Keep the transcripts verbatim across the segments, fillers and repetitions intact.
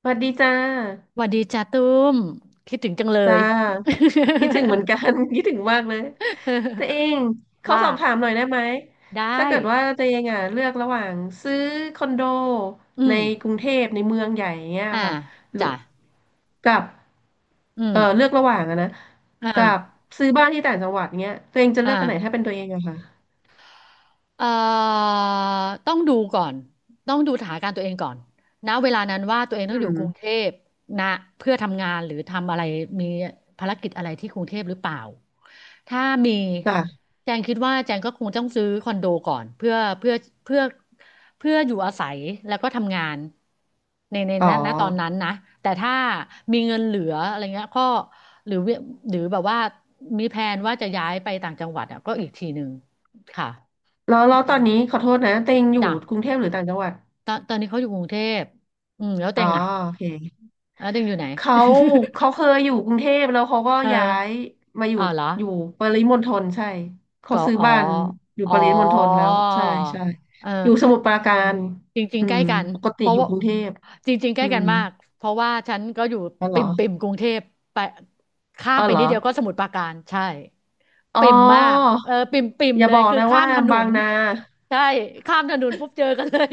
สวัสดีจ้าหวัดดีจ้าตุ้มคิดถึงจังเลจ้ย าคิดถึงเหมือนกัน คิดถึงมากเลยตัวเอง เขาว่าสอบถามหน่อยได้ไหมได้ถ้าเกิดว่าตัวเองอ่ะเลือกระหว่างซื้อคอนโดอืในมกรุงเทพในเมืองใหญ่อย่างเงี้ยอ่าค่ะหรือจ้ะกับอืเอมอเลือกระหว่างอะนะกับอ่าซื้อบ้านที่ต่างจังหวัดเงี้ยตัวเองจะเลือ่า อกอันไหนถ้าเป็นตัวเองอะค่ะเอ่อต้องดูก่อน ต้องดูสถานการณ์ตัวเองก่อนณเวลานั้นว่าตัวเองต้อืองอยู่มกรุงเทพนะเพื่อทำงานหรือทำอะไรมีภารกิจอะไรที่กรุงเทพหรือเปล่า ถ้ามีจ้ะแจงคิดว่าแจงก็คงต้องซื้อคอนโดก่อนเพื่อเพื่อเพื่อเพื่ออยู่อาศัยแล้วก็ทำงานในในอ๋อณณตอนนั้นนะ แต่ถ้ามีเงินเหลืออะไรเงี้ยก็หรือหรือแบบว่ามีแผนว่าจะย้ายไปต่างจังหวัดอ่ะก็อีกทีหนึ่งค่ะ แล้วแล้วตอนนี้ขอโทษนะตัวเองอยู่จ้ะกรุงเทพหรือต่างจังหวัดตอนตอนนี้เขาอยู่กรุงเทพอืมแล้วอ๋เต็องอ่ะโอเค แล้วเต็งอยู่ไหน เขาเขาเคยอยู่กรุงเทพแล้วเขาก็ เออย้ายมาอยู่อ๋อเหรออยู่ปริมณฑลใช่เขาก็ซื้ออ๋อบ้านอยู่อ๋ปริมณฑลอแล้วใช่ใช่เอออยู่สมุทรปราการจริงอืๆใกล้มกันปกติเพราะอยู่ว่ากรุงเทพจริงๆใกอืล้กัมนมากเพราะว่าฉันก็อยู่อ๋อเหรปิ่อมปิ่มกรุงเทพไปข้ามอ๋อไปเหรนิอดเดียวก็สมุทรปราการใช่อ๋อปิ่มมากเออปิ่มปิ่มอย่าเลบยอกคือนะข้าว่ามถนบางนนาใช่ข้ามถนนปุ๊บเจอกันเลย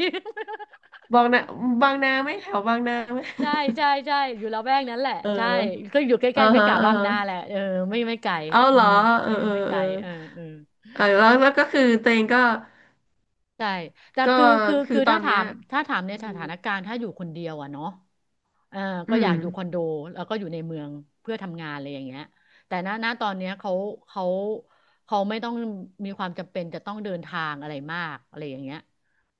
บางนาบางนาไหมแถวบางนาไหม ใช่ใช่ใช่อยู่ละแวกนั้นแหละเออใช่ก็อยู่ใกอ่าล้ๆไม่ฮะกะอ่าบางฮะนาแหละเออไม่ไม่ไกลเอาอืเหรอมเอเอออเออไม่ไกเอลอเออเออเออแล้วแล้วก็คือตัวเองก็ใช่แต่ก็คือคือคือคือตอถ้านถาเนี้ยมถ้าถามในอืสมถานการณ์ถ้าอยู่คนเดียวอะเนาะเอออืก็อม ยากอยู่คอนโดแล้วก็อยู่ในเมืองเพื่อทำงานอะไรอย่างเงี้ยแต่ณณตอนเนี้ยเขาเขาเขาไม่ต้องมีความจำเป็นจะต้องเดินทางอะไรมากอะไรอย่างเงี้ย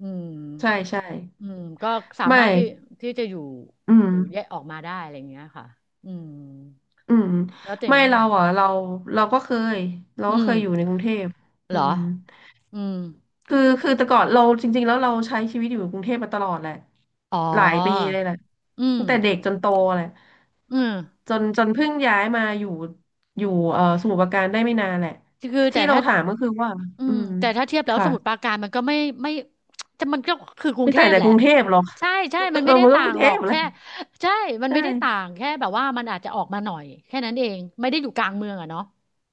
อืม ใช่ใช่อืมก็สาไม่มารถที่ที่จะอยู่อืมอยู่แยกออกมาได้อะไรอย่างเงี้ยค่ะอืมอืมแล้วเจ๋งไม่ว่าเราไงอ่ะเราเราก็เคยเราอืก็เคมยอยู่ในกรุงเทพเหรอือมอืมคือคือแต่ก่อนเราจริงๆแล้วเราใช้ชีวิตอยู่กรุงเทพมาตลอดแหละอ๋อหลายปีเลยแหละอืมตั้งแต่เด็กจนโตแหละอืมจนจนเพิ่งย้ายมาอยู่อยู่เอ่อสมุทรปราการได้ไม่นานแหละคือแต่ที่เราถ้าถามก็คือว่าอือืมมแต่ถ้าเทียบแล้วสค่ะมุทรปราการมันก็ไม่ไม่จะมันก็คือกรุงไม่เทต่างพจากแหละกรุงเทพหรอก ใช่ใช่มั นเออไม่ได้มันก็ต่ากรุงงเทหรอพกแหละแค่ใช่มันใชไม่ได้ต่า่ งแค่แบบว่ามันอาจจะออกมาหน่อยแค่นั้นเองไม่ได้อยู่กลางเมืองอะเนาะ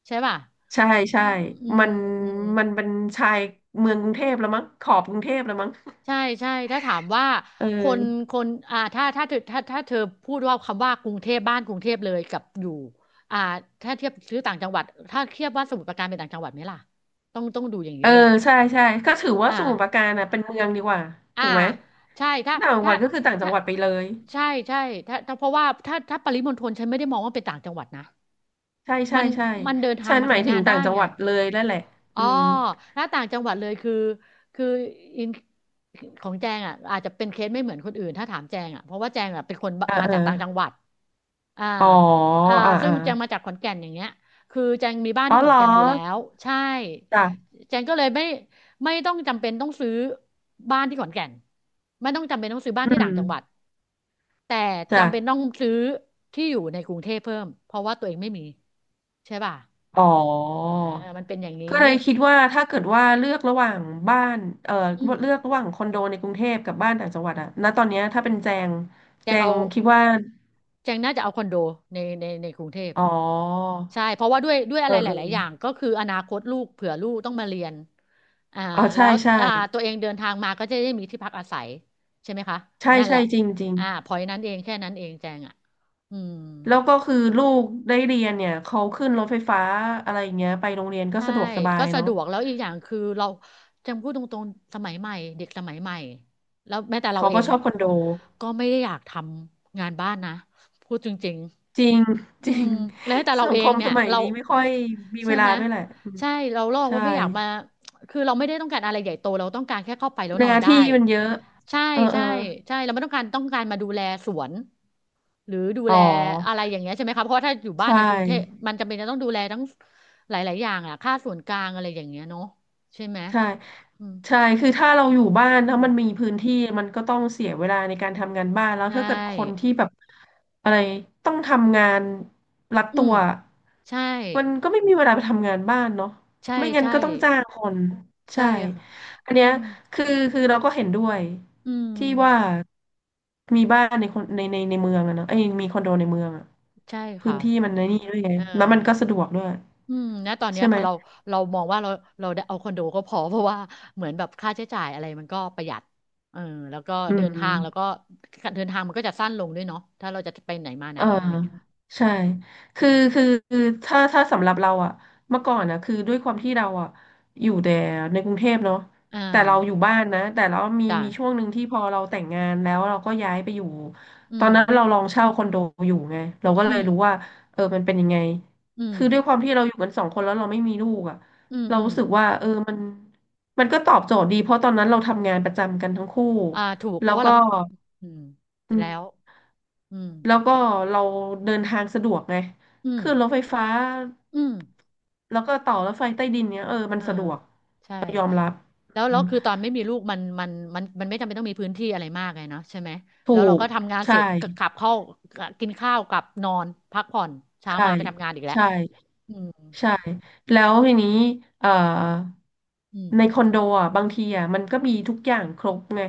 ใช่ป่ะใช่อืใช่ มมันอืม มันเป็นชายเมืองกรุงเทพแล้วมั้งขอบกรุงเทพแล้วมั้งใช่ใช่ถ้าถามว่าเคนออคนอ่าถ้าถ้าเธอถ้าถ้าเธอพูดว่าคำว่ากรุงเทพบ้านกรุงเทพเลยกับอยู่อ่าถ้าเทียบซื้อต่างจังหวัดถ้าเทียบว่าสมุทรปราการเป็นต่างจังหวัดไหมล่ะต้องต้องดูอย่างนี้เออด้วยใช่ใช่ก็ถือว่าอ่าสมุทรปราการน่ะเป็นเมืองดีกว่าอ่าถูกไหมใช่ถ้าต่างจังหถ้าวัดก็คือต่างจัถ้างหวัดไปเลยใช่ใช่ถ้าถ้าเพราะว่าถ้าถ้าปริมณฑลฉันไม่ได้มองว่าเป็นต่างจังหวัดนะใช่ใช่มันใช่มันเดินทาฉังนมาหมายทำถึงางนได้ต่างจังไง หวัดเลยนั่นแหละอ๋อือมถ้าต่างจังหวัดเลยคือคืออินของแจงอ่ะอาจจะเป็นเคสไม่เหมือนคนอื่นถ้าถามแจงอ่ะเพราะว่าแจงอ่ะเป็นคนบเอ่ามาเอจาอกต่างจังหวัดอ่าอ๋ออ่าอ่าซึ่อ่างแจงมาจากขอนแก่นอย่างเงี้ยคือแจงมีบ้านอ๋อที่ขเหอรนอแก่นอยู่แล้วใช่จ้ะแจงก็เลยไม่ไม่ต้องจำเป็นต้องซื้อบ้านที่ขอนแก่นไม่ต้องจำเป็นต้องซื้อบ้านอืที่ต่างจังหวัดมแต่จ้ะจำเป็นต้องซื้อที่อยู่ในกรุงเทพเพิ่มเพราะว่าตัวเองไม่มีใช่ป่ะอ๋อ อ่ามันเป็นอย่างนี้ ก็เลยคิดว่าถ้าเกิดว่าเลือกระหว่างบ้านเอ่ออืมเลือกระหว่างคอนโดในกรุงเทพกับบ้านต่างจังหวัดอะณตอนเนี้ยถ้าเป็นแจงแจแจงงเอาคิดว่าแจงน่าจะเอาคอนโดในในในกรุงเทพอ๋อใช่เพราะว่าด้วยด้วยอะเออไรหเออลายๆอย่างก็คืออนาคตลูกเผื่อลูกต้องมาเรียนอ่าอ๋อแล้ใช่วใช่อ่าตัวเองเดินทางมาก็จะได้มีที่พักอาศัยใช่ไหมคะใช่นั่นแหใช่ละจริงจริงอ่าพอยนั้นเองแค่นั้นเองแจงอ่ะอืมแล้วก็คือลูกได้เรียนเนี่ยเขาขึ้นรถไฟฟ้าอะไรอย่างเงี้ยไปโรงเรียนก็ใช่สะดวกสบาก็ยสะเนาะดวกแล้วอีกอย่างคือเราจำพูดตรงๆสมัยใหม่เด็กสมัยใหม่แล้วแม้แต่เราเขาเอก็งชอบคอนโดก็ไม่ได้อยากทำงานบ้านนะพูดจริง จริง อืจริมงแล้วแต่เราสังเอคงมเนี่สยมัยเรานี้ไม่ค่อเอ่อยมีใช่เวลาไหมด้วยแหละอืมใช่เราลอกใช่ว่าไม่อยากมาคือเราไม่ได้ต้องการอะไรใหญ่โตเราต้องการแค่เข้าไปแล้วหนอน้านได้ที่มันเยอะใช่เออเอใช่อใช่เราไม่ต้องการต้องการมาดูแลสวนหรือดูอ๋แลอ อะไรอย่างเงี้ยใช่ไหมคะเพราะว่าถ้าอยู่บ้านใช่ในกรุงเทพมันจำเป็นจะต้องดูแลทั้งหลายๆอย่างอ่ะค่าส่วนกลางอะไรอย่างเงี้ยเนาะใช่ไหมใช่อืมใช่คือถ้าเราอยู่บ้านอืถ้ามมันมีพื้นที่มันก็ต้องเสียเวลาในการทำงานบ้านแล้วใช่ถ้าเกิดคนที่แบบอะไรต้องทำงานรัดอืตัมวใช่มันก็ไม่มีเวลาไปทำงานบ้านเนาะใช่ไม่งั้นใช่ก็ต้องจ้างคนใช่ใช่ค่ะอันเนี้อืยมคือคือเราก็เห็นด้วยอืที่ว่ามมีบ้านในคนในในในเมืองอะเนอะเอ้ยมีคอนโดในเมืองอะใช่พื้ค่ะ นที่มันในนี่ด้วยไงเออแล้วมันก็สะดวกด้วยอืมณตอนเนี้ยใช่ไหมเราเรามองว่าเราเราได้เอาคอนโดก็พอ เพราะว่าเหมือนแบบค่าใช้จ่ายอะไรมันก็ประหยัดเออแล้วก็อืเดิม นทางแล้วก็เดินทางมันก็จะสั้นลงด้วยเนาะถ้าเราจะไปไหนมาไหนเอออะไรเงี้ยใช่อืคือมคือคือถ้าถ้าสำหรับเราอะเมื่อก่อนอะคือด้วยความที่เราอะอยู่แต่ในกรุงเทพเนาะอ่าแต่เราอยู่บ้านนะแต่เรามีจ้ะมีช่วงหนึ่งที่พอเราแต่งงานแล้วเราก็ย้ายไปอยู่ตอือนมนั้นเราลองเช่าคอนโดอยู่ไงเราก็อืเลยมรู้ว่าเออมันเป็นยังไงอืมคือด้วยความที่เราอยู่กันสองคนแล้วเราไม่มีลูกอะอืมเราอืมรู้สึกว่าเออมันมันก็ตอบโจทย์ดีเพราะตอนนั้นเราทำงานประจำกันทั้งคู่อ่า ถูกเพแล้ราะวว่าก็เราอืมอืม แล้วอืมแล้วก็เราเดินทางสะดวกไงอืมขึ้นรถไฟฟ้าอืม แล้วก็ต่อรถไฟใต้ดินเนี้ยเออมันอ่าสะดวกใช่ยอมรับแล้วอืแล้วมคือตอนไม่มีลูกมันมันมันมันไม่จำเป็นต้องมีพื้นที่อะไรมากไงเนาะใช่ไหมถูแล้วเรากก็ทำงานเสใช่ร็จกกลับเข้ากินข้าวกลับนอนพักผ่อนเช้าใช่มาไปทำงานอีกแล้วใช่ อืมใช่แล้วทีนี้เอ่ออืมในคอนโดอ่ะบางทีอ่ะมันก็มีทุกอย่างครบไง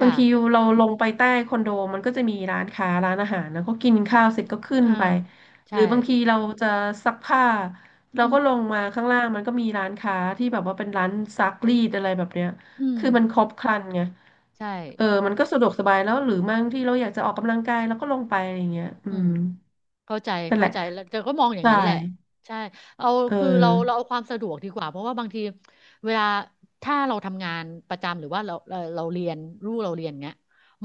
บางจ้ะทีเราลงไปใต้คอนโดมันก็จะมีร้านค้าร้านอาหารแล้วก็กินข้าวเสร็จก็ขึ้เอนอไปหรืใช่อบางทีเราจะซักผ้าเราอืก็ลมงมาข้างล่างมันก็มีร้านค้าที่แบบว่าเป็นร้านซักรีดอะไรแบบเนี้ยอืมคือมันครบครันไงใช่เออมันก็สะดวกสบายแล้วหรือบางที่เราอยากจะออกกำลังกายเราก็ลงไปอะไรอย่างเงี้ยอือืม มเข้าใจนั่นแหเข้าละใจแล้วแต่ก็มองอย่างใช่นั้นแหละใช่เอาเอคือเราเราอเอาความสะดวกดีกว่าเพราะว่าบางทีเวลาถ้าเราทำงานประจำหรือว่าเราเราเราเรียนลูกเราเรียนเงี้ย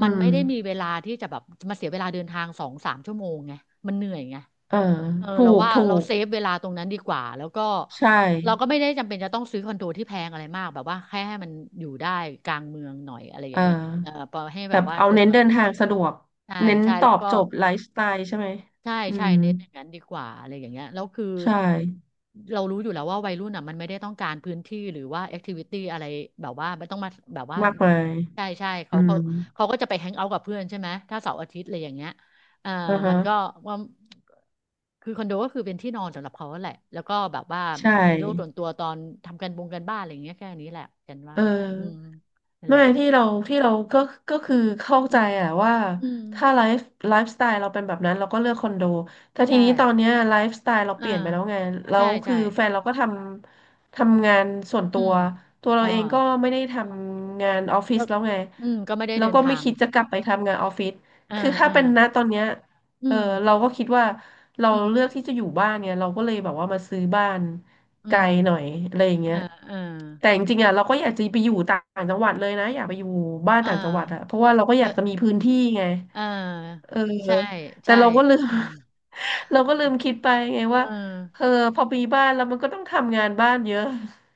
อืมันม ไม่ได้มีเวลาที่จะแบบมาเสียเวลาเดินทางสองสามชั่วโมงไงมันเหนื่อยไงเออเออถูเรากว่าถูเรากเซฟเวลาตรงนั้นดีกว่าแล้วก็ใช่เราก็ไม่ได้จำเป็นจะต้องซื้อคอนโดที่แพงอะไรมากแบบว่าแค่ให้มันอยู่ได้กลางเมืองหน่อยอะไรอเอย่างเงี้ยเอออพอให้แบแบบบว่าเอาเดินเน้นทางเดินสะดวทากงสะดวกใช่เน้นใช่ตแล้อวบก็ โจทย์ไลฟ์สไตล์ใช่ไหมใช่อืใช่มเน้นอย่างนั้นดีกว่าอะไรอย่างเงี้ยแล้วคือใช่เรารู้อยู่แล้วว่าวัยรุ่นอ่ะมันไม่ได้ต้องการพื้นที่หรือว่าแอคทิวิตี้อะไรแบบว่าไม่ต้องมาแบบว่ามากมามียใช่ใช่อืเขาเขามเขาก็จะไปแฮงเอาท์กับเพื่อนใช่ไหมถ้าเสาร์อาทิตย์อะไรอย่างเงี้ยเอ่ออ่าฮะมันก็ว่าคือคอนโดก็คือเป็นที่นอนสำหรับเขาแหละแล้วก็แบบว่าใชมีโลกส่วน่ตัวตอนทำกันบงกันบ้านอะไรอย่างเงี้ยแค่นี้แหละกันว่าเออ อืมนั่นด้แหวละยที่เราที่เราก็ก็คือเข้าอืใจมอะว่าอืมถ้าไลฟ์ไลฟ์สไตล์เราเป็นแบบนั้นเราก็เลือกคอนโดแต่ทีใช่นี้ตอนเนี้ยไลฟ์สไตล์เราเปอ่าลี่ยนไปแล้วไงแล้ใช่วคืใช่อแฟนเราก็ทำทำงานส่วนอืตัวมตัวอ๋เราอ เองก็ไม่ได้ทำงานออฟฟิก็ศแล้วไงอืมก็ไม่ได้แล้เดิวนก็ทาไม่งคิดจะกลับไปทำงานออฟฟิศอ่าคือถ้าอ่าเป็นณตอนเนี้ย อืเออมเราก็คิดว่าเราอืมเลือกที่จะอยู่บ้านเนี่ยเราก็เลยแบบว่ามาซื้อบ้านอืไกลหน่อยมอะไรอย่างเงี้ยอ่าอ่าแต่จริงๆอ่ะเราก็อยากจะไปอยู่ต่างจังหวัดเลยนะอยากไปอยู่บ้านอ่าต่างจังหวัดอ่ะเพราะว่าเราก็อก็ยากจะมีพื้นที่ไงอ่าเออใช่แต่ใช่เราก็ลืม อืม เราก็ลืมคิดไปไงเอว่าอเออพอมีบ้านแล้วมันก็ต้องทำงานบ้านเยอะ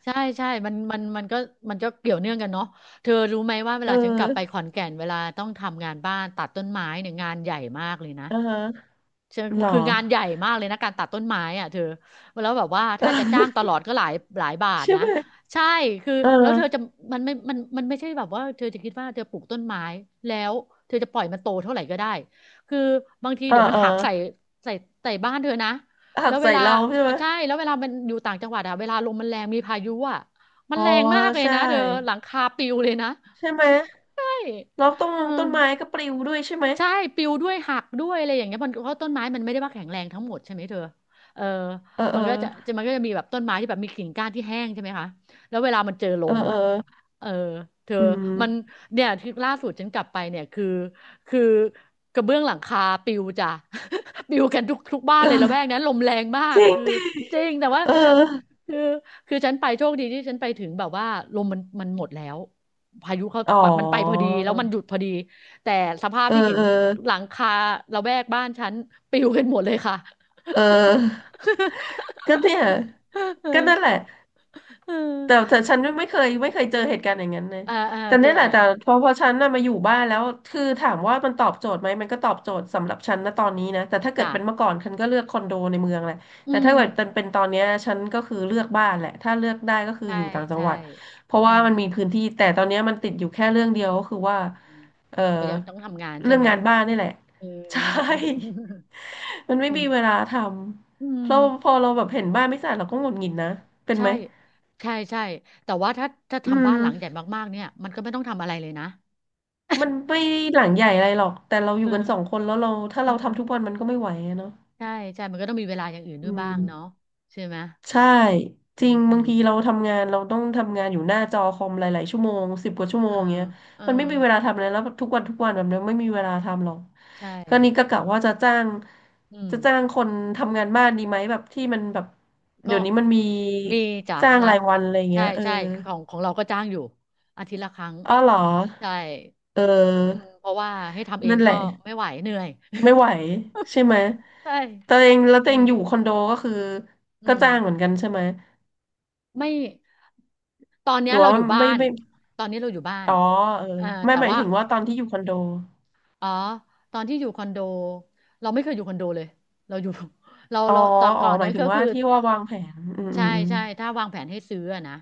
ใช่ใช่มันมันมันก็มันก็เกี่ยวเนื่องกันเนาะเธอรู้ไหมว่าเวเอลาฉันกลับไปอขอนแก่นเวลาต้องทำงานบ้านตัดต้นไม้เนี่ยงานใหญ่มากเลยนะ อ่าฮะเชิงหรอ คืองานใหญ่มากเลยนะการตัดต้นไม้อ่ะเธอแล้วแบบว่าถ้าจะจ้างตลอดก็หลายหลายบา ทใช่นะไหมใช่คือเอแล้วเธอจะอมันไม่มันมันไม่ใช่แบบว่าเธอจะคิดว่าเธอปลูกต้นไม้แล้วเธอจะปล่อยมันโตเท่าไหร่ก็ได้คือบางทีเออเดี๋ยวมันเออหักใส่ใส่ใส่บ้านเธอนะหัแล้กวเวใส่ลาเราใช่ไหมใช่แล้วเวลามันอยู่ต่างจังหวัดอะเวลาลมมันแรงมีพายุอะมันอ๋อแรงมากเลยใช่นะเธอหลังคาปลิวเลยนะ ใช่ไหม อยแล้วต้นเออต้นไม้ก็ปลิวด้วยใช่ไหม ใช่ปลิวด้วยหักด้วยอะไรอย่างเงี้ยมันเพราะต้นไม้มันไม่ได้ว่าแข็งแรงทั้งหมดใช่ไหมเธอเออเออมัเอนอก็จะจะมันก็จะมีแบบต้นไม้ที่แบบมีกิ่งก้านที่แห้งใช่ไหมคะแล้วเวลามันเจอลเออมเอออ่ะเออเธออืม มันเนี่ยที่ล่าสุดฉันกลับไปเนี่ยคือคือกระเบื้องหลังคาปลิวจ้ะ ปลิวกันทุกทุกบ้าน เลยละแวกเออนั้นลมแรงมาจก ริงคือดิจริงแต่ว่า เออ คือคือฉันไปโชคดีที่ฉันไปถึงแบบว่าลมมันมันหมดแล้ว พายุเขาอ๋อ มันไปพอดีแล้วมันหยุดพอดี แต่สภาพเออที่เห็นเออหลังคาระแวกบ้านฉันปลิวกันหมดเลยค่ะ เออก็เนี่ย เอก็อนั่นแหละ เออแต่แต่ฉันไม่เคยไม่เคยเจอเหตุการณ์อย่างนั้นเลยอ่าอ่าแต่เจอเนี่ยแหละอ่าแต่พอพอฉันน่ะมาอยู่บ้านแล้วคือถามว่ามันตอบโจทย์ไหมมันก็ตอบโจทย์สำหรับฉันนะตอนนี้นะแต่ถ้าเกิดจ้ะเป็นเมื่อก่อนฉันก็เลือกคอนโดในเมืองแหละอืแต่มถ้าเกิดเป็นตอนเนี้ยฉันก็คือเลือกบ้านแหละถ้าเลือกได้ก็คือใช่อยู่ต่างจังใช่หวัดเพราะอืว่ามมันมีพื้นที่แต่ตอนเนี้ยมันติดอยู่แค่เรื่องเดียวก็คือว่าอืมเออเรายังต้องทำงานใช่เรื่องไหมงานบ้านนี่แหละ เออ ใช่ มัน ไม่อืมีมเวลาทอืำมเราพอเราแบบเห็นบ้านไม่สะอาดเราก็หงุดหงิดนะเป็นใช่ไหมใช่ใช่แต่ว่าถ้าถ้าอืทำบ้านหลังใหญ่ม มากๆเนี่ยมันก็ไม่ต้องทำอะไรเลยนะมันไม่หลังใหญ่อะไรหรอก แต่เราอเอยู่อกันสองคนแล้วเราถ้าเอเราทำทุกวัอนมันก็ไม่ไหวอะเนาะใช่ใช่มันก็ต้องมีเวลาอย่างอื่นอืด้วยบ้างเนาะม ใช่ไหมใช่ จอืริงมอืบางม ทีเราทำงานเราต้องทำงานอยู่หน้าจอคอมหลายๆชั่วโมงสิบกว่าชั่วโมเอองเงี้ยเออมันไม่มีเวลาทำอะไรแล้วทุกวันทุกวันแบบนี้ไม่มีเวลาทำหรอกใช่ก็นี่ก็กะว่าจะจ้างอืมจะจ้างคนทำงานบ้านดีไหมแบบที่มันแบบก็เดี๋ยวนี้มันมีมีจ้ะจ้างละรายวันอะไรใช่เงี้ยเออใช่ของของเราก็จ้างอยู่อาทิตย์ละครั้งอ๋อเหรอใช่เอืมออเพราะว่าให้ทำเองนั่นแหก็ละ ไม่ไหวเหนื่อย ไม่ไหวใช่ไหม ใช่ตัวเองแล้วตัวอืเองมอยู่คอนโดก็คืออืก็มจ้างเหมือนกันใช่ไหม ไม่ตอนหเนี้รืยอเราว่าอยู่บ้าไม่น ไม่ตอนนี้เราอยู่บ้านอ๋อเอออ่าไม่แต่หมายว่าถึงว่าตอนที่อยู่คอนโดอ๋อตอนที่อยู่คอนโด เราไม่เคยอยู่คอนโดเลยเราอยู่ เราอ๋อเราตอนอ๋อก่อนหมาเนี้ยยถึก็งว่าคือ ที่ว่าวางแผน อืมอืใช่มใช่ถ้าวางแผนให้ซื้ออะนะ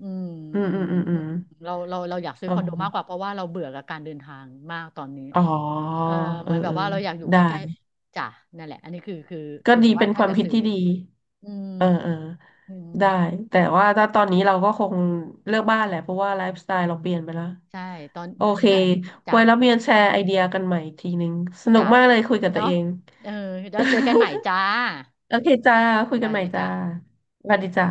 อืมอืมอือืมมอืมอือืมมเราเราเราอยากซื้ออคอมนโดอ๋มากกอว่าเพราะว่าเราเบื่อกับการเดินทางมากตอนนี้อ๋อเออเหเออมือนแบเอบอว่าเราอยากอยู่ใกได้ล้ๆจ้ะนั่นแหละอันนี้คือคือก็คือแบดีบว่าเป็นคถ้าวามจะคิดซื้อที่ดีอืมเออเอออืมได้ แต่ว่าถ้าตอนนี้เราก็คงเลือกบ้านแหละเพราะว่าไลฟ์สไตล์เราเปลี่ยนไปแล้ว ใช่ตอนโอเคน่ะจ้ะไว้แล้วมีแชร์ไอเดียกันใหม่อีกทีนึงสนุกจ้ะมากเลยคุยกับตัวเนาะเอง เออแล้วเจอกันใหม่จ้า โอเคจ้า คุสยกัวันสใหม่ดีจ้าจ้ะสวัสดีจ้า